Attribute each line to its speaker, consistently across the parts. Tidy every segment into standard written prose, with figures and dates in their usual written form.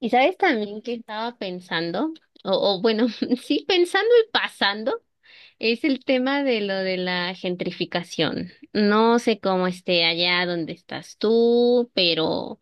Speaker 1: Y sabes también que estaba pensando, o, o bueno, sí, pensando y pasando, es el tema de lo de la gentrificación. No sé cómo esté allá donde estás tú, pero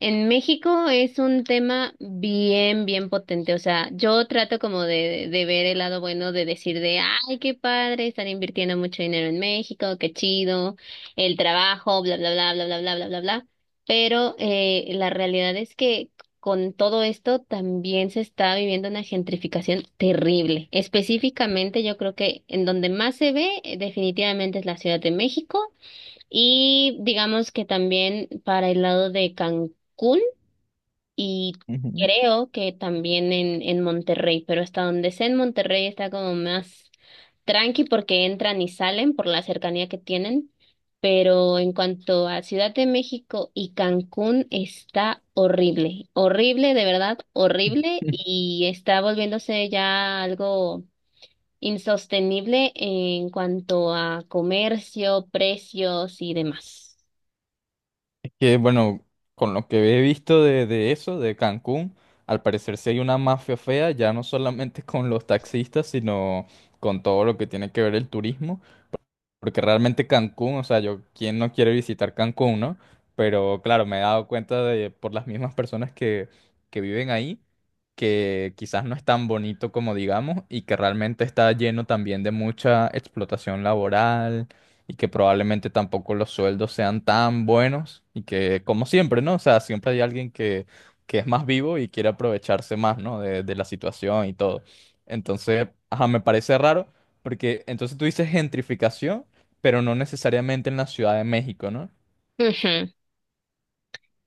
Speaker 1: en México es un tema bien, bien potente. O sea, yo trato como de ver el lado bueno, de decir de, ay, qué padre, están invirtiendo mucho dinero en México, qué chido, el trabajo, bla, bla, bla, bla, bla, bla, bla, bla, bla. Pero la realidad es que con todo esto también se está viviendo una gentrificación terrible. Específicamente, yo creo que en donde más se ve definitivamente es la Ciudad de México y digamos que también para el lado de Cancún y
Speaker 2: Ujú.
Speaker 1: creo que también en Monterrey, pero hasta donde sé en Monterrey está como más tranqui porque entran y salen por la cercanía que tienen. Pero en cuanto a Ciudad de México y Cancún está horrible, horrible, de verdad, horrible y está volviéndose ya algo insostenible en cuanto a comercio, precios y demás.
Speaker 2: Es que, bueno, con lo que he visto de eso, de Cancún, al parecer sí hay una mafia fea, ya no solamente con los taxistas, sino con todo lo que tiene que ver el turismo. Porque realmente Cancún, o sea, yo, ¿quién no quiere visitar Cancún, no? Pero claro, me he dado cuenta de, por las mismas personas que viven ahí, que quizás no es tan bonito como digamos y que realmente está lleno también de mucha explotación laboral y que probablemente tampoco los sueldos sean tan buenos y que, como siempre, ¿no? O sea, siempre hay alguien que es más vivo y quiere aprovecharse más, ¿no? De la situación y todo. Entonces, ajá, me parece raro porque entonces tú dices gentrificación pero no necesariamente en la Ciudad de México, ¿no?
Speaker 1: Ujú.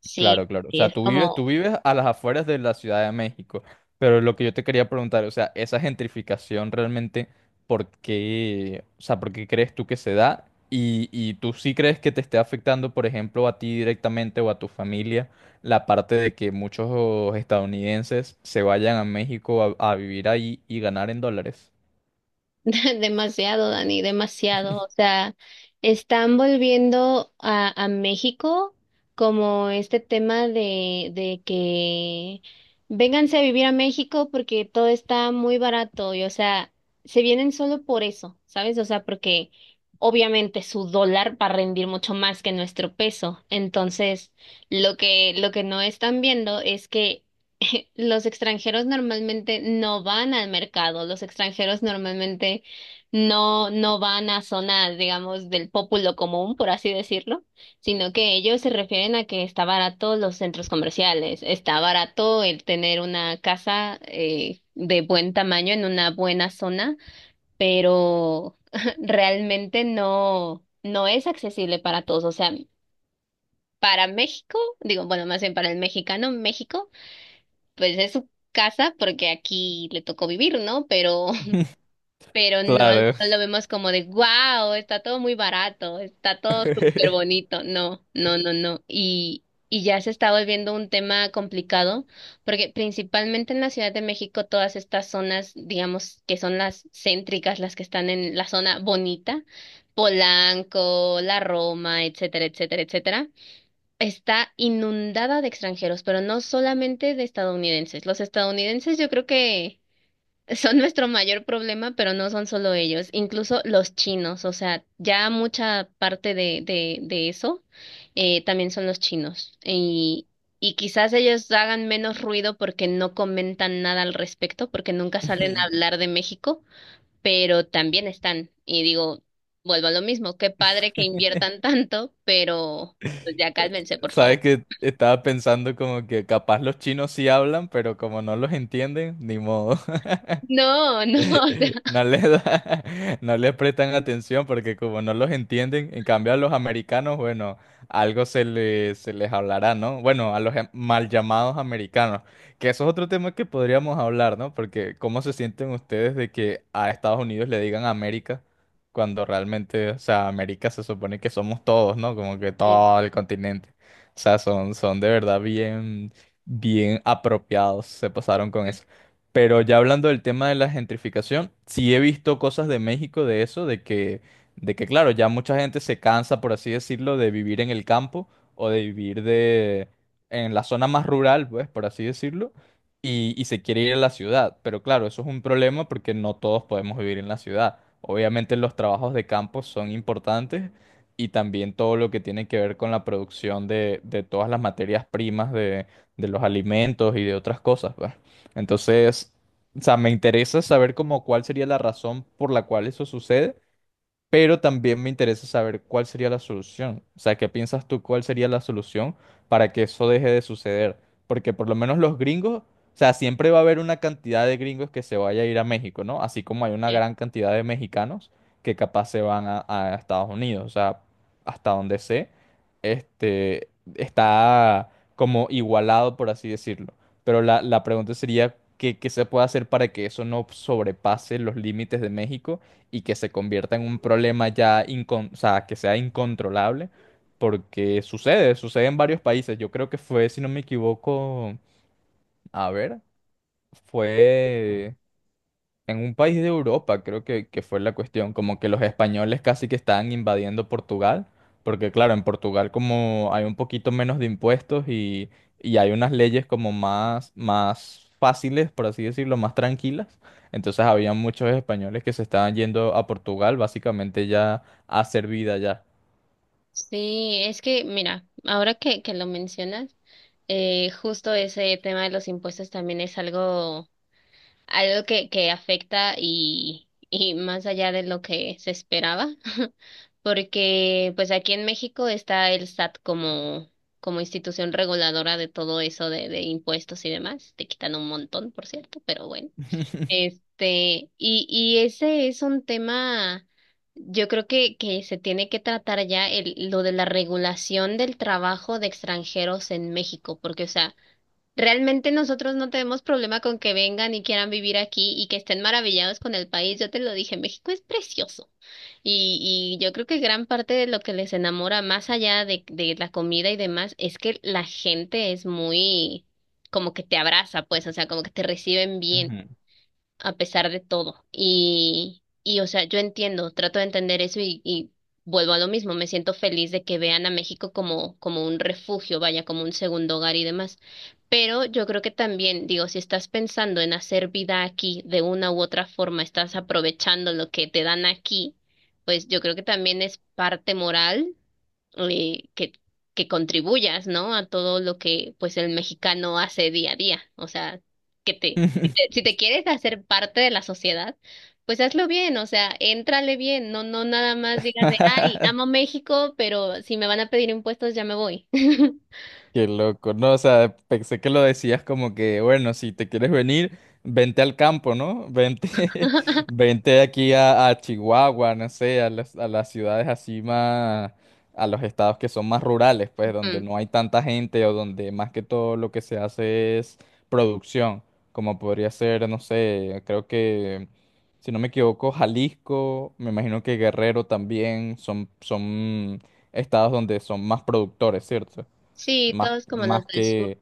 Speaker 1: Sí,
Speaker 2: Claro, claro. O
Speaker 1: sí,
Speaker 2: sea,
Speaker 1: es
Speaker 2: tú vives, tú
Speaker 1: como
Speaker 2: vives a las afueras de la Ciudad de México, pero lo que yo te quería preguntar, o sea, esa gentrificación realmente, ¿por qué, o sea, por qué crees tú que se da? Y tú sí crees que te esté afectando, por ejemplo, a ti directamente o a tu familia, la parte de que muchos estadounidenses se vayan a México a vivir ahí y ganar en dólares.
Speaker 1: demasiado, Dani, demasiado. O sea, están volviendo a México como este tema de que vénganse a vivir a México porque todo está muy barato y, o sea, se vienen solo por eso, ¿sabes? O sea, porque obviamente su dólar va a rendir mucho más que nuestro peso. Entonces, lo que no están viendo es que los extranjeros normalmente no van al mercado, los extranjeros normalmente no, no van a zonas, digamos, del pópulo común, por así decirlo, sino que ellos se refieren a que está barato los centros comerciales, está barato el tener una casa de buen tamaño en una buena zona, pero realmente no, no es accesible para todos. O sea, para México, digo, bueno, más bien para el mexicano, México pues es su casa porque aquí le tocó vivir, ¿no? Pero pero no,
Speaker 2: Claro.
Speaker 1: no lo vemos como de, wow, está todo muy barato, está todo súper bonito. No, no, no, no. Y ya se está volviendo un tema complicado porque principalmente en la Ciudad de México todas estas zonas, digamos, que son las céntricas, las que están en la zona bonita, Polanco, La Roma, etcétera, etcétera, etcétera. Está inundada de extranjeros, pero no solamente de estadounidenses. Los estadounidenses yo creo que son nuestro mayor problema, pero no son solo ellos, incluso los chinos, o sea, ya mucha parte de eso también son los chinos. Y quizás ellos hagan menos ruido porque no comentan nada al respecto, porque nunca salen a hablar de México, pero también están. Y digo, vuelvo a lo mismo, qué padre que inviertan tanto, pero pues ya cálmense, por favor.
Speaker 2: Sabes que estaba pensando como que capaz los chinos sí hablan, pero como no los entienden, ni modo.
Speaker 1: No, no, o sea.
Speaker 2: No les da- no les prestan atención porque como no los entienden, en cambio a los americanos, bueno, algo se les hablará, ¿no? Bueno, a los mal llamados americanos, que eso es otro tema que podríamos hablar, ¿no? Porque ¿cómo se sienten ustedes de que a Estados Unidos le digan América cuando realmente, o sea, América se supone que somos todos, ¿no? Como que
Speaker 1: Eh,
Speaker 2: todo el continente. O sea, son de verdad bien, bien apropiados, se pasaron con eso. Pero ya hablando del tema de la gentrificación, sí he visto cosas de México de eso, de que claro, ya mucha gente se cansa, por así decirlo, de vivir en el campo o de vivir de, en la zona más rural, pues, por así decirlo, y se quiere ir a la ciudad. Pero claro, eso es un problema porque no todos podemos vivir en la ciudad. Obviamente los trabajos de campo son importantes y también todo lo que tiene que ver con la producción de todas las materias primas de los alimentos y de otras cosas, pues. Entonces, o sea, me interesa saber como cuál sería la razón por la cual eso sucede pero también me interesa saber cuál sería la solución. O sea, ¿qué piensas tú cuál sería la solución para que eso deje de suceder? Porque por lo menos los gringos, o sea, siempre va a haber una cantidad de gringos que se vaya a ir a México, ¿no? Así como hay una
Speaker 1: eh,
Speaker 2: gran cantidad de mexicanos que capaz se van a Estados Unidos, o sea, hasta donde sé, este, está como igualado, por así decirlo. Pero la pregunta sería, ¿qué, qué se puede hacer para que eso no sobrepase los límites de México? Y que se convierta en un problema ya, o sea, que sea incontrolable, porque sucede, sucede en varios países. Yo creo que fue, si no me equivoco, a ver, fue en un país de Europa, creo que fue la cuestión, como que los españoles casi que estaban invadiendo Portugal, porque claro, en Portugal como hay un poquito menos de impuestos y hay unas leyes como más, más fáciles, por así decirlo, más tranquilas, entonces había muchos españoles que se estaban yendo a Portugal básicamente ya a hacer vida ya.
Speaker 1: Sí, es que, mira, ahora que lo mencionas, justo ese tema de los impuestos también es algo, algo que afecta y más allá de lo que se esperaba, porque pues aquí en México está el SAT como, como institución reguladora de todo eso de impuestos y demás, te quitan un montón, por cierto, pero bueno. Este, y ese es un tema, yo creo que se tiene que tratar ya el, lo de la regulación del trabajo de extranjeros en México, porque, o sea, realmente nosotros no tenemos problema con que vengan y quieran vivir aquí y que estén maravillados con el país. Yo te lo dije, México es precioso. Y yo creo que gran parte de lo que les enamora, más allá de la comida y demás, es que la gente es muy, como que te abraza, pues, o sea, como que te reciben bien a pesar de todo. Y, o sea, yo entiendo, trato de entender eso y vuelvo a lo mismo. Me siento feliz de que vean a México como, como un refugio, vaya, como un segundo hogar y demás. Pero yo creo que también, digo, si estás pensando en hacer vida aquí de una u otra forma, estás aprovechando lo que te dan aquí, pues yo creo que también es parte moral eh, que, que contribuyas, ¿no? A todo lo que pues el mexicano hace día a día. O sea,
Speaker 2: Ujú.
Speaker 1: que te- si te quieres hacer parte de la sociedad, pues hazlo bien, o sea, éntrale bien, no, no nada más digas de, ay, amo México, pero si me van a pedir impuestos ya me voy.
Speaker 2: Qué loco, no, o sea, pensé que lo decías como que, bueno, si te quieres venir, vente al campo, ¿no? Vente, vente aquí a Chihuahua, no sé, a las ciudades así más, a los estados que son más rurales, pues, donde
Speaker 1: Mm.
Speaker 2: no hay tanta gente o donde más que todo lo que se hace es producción, como podría ser, no sé, creo que, si no me equivoco, Jalisco, me imagino que Guerrero también son estados donde son más productores, ¿cierto?
Speaker 1: Sí,
Speaker 2: Más,
Speaker 1: todos como los
Speaker 2: más
Speaker 1: del sur.
Speaker 2: que,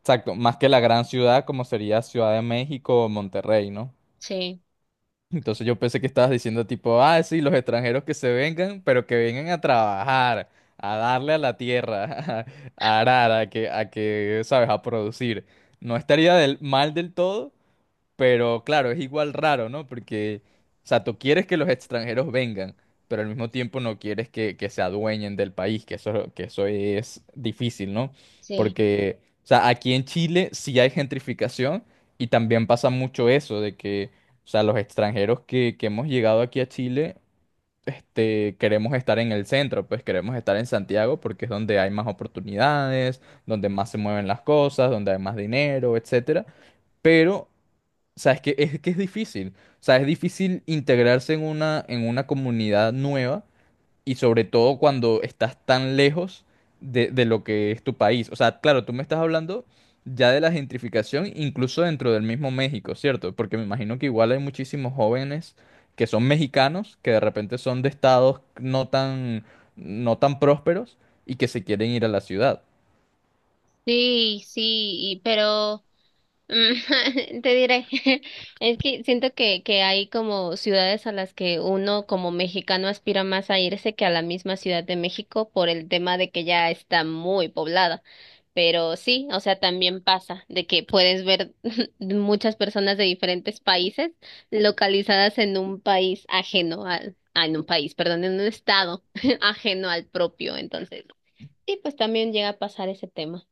Speaker 2: exacto, más que la gran ciudad como sería Ciudad de México o Monterrey, ¿no?
Speaker 1: Sí,
Speaker 2: Entonces yo pensé que estabas diciendo tipo, ah, sí, los extranjeros que se vengan, pero que vengan a trabajar, a darle a la tierra, a arar, a que, ¿sabes? A producir. No estaría del, mal del todo, pero claro, es igual raro, ¿no? Porque, o sea, tú quieres que los extranjeros vengan, pero al mismo tiempo no quieres que se adueñen del país, que eso es difícil, ¿no?
Speaker 1: sí.
Speaker 2: Porque, o sea, aquí en Chile sí hay gentrificación y también pasa mucho eso de que, o sea, los extranjeros que hemos llegado aquí a Chile, este, queremos estar en el centro, pues queremos estar en Santiago porque es donde hay más oportunidades, donde más se mueven las cosas, donde hay más dinero, etcétera. Pero o sea, es que es difícil. O sea, es difícil integrarse en una comunidad nueva y sobre todo cuando estás tan lejos de lo que es tu país. O sea, claro, tú me estás hablando ya de la gentrificación incluso dentro del mismo México, ¿cierto? Porque me imagino que igual hay muchísimos jóvenes que son mexicanos, que de repente son de estados no tan, no tan prósperos y que se quieren ir a la ciudad.
Speaker 1: Sí, sí, y- pero te diré, es que siento que hay como ciudades a las que uno como mexicano aspira más a irse que a la misma Ciudad de México por el tema de que ya está muy poblada. Pero sí, o sea, también pasa de que puedes ver muchas personas de diferentes países localizadas en un país ajeno al, ah, en un país, perdón, en un estado ajeno al propio. Entonces, sí, pues también llega a pasar ese tema.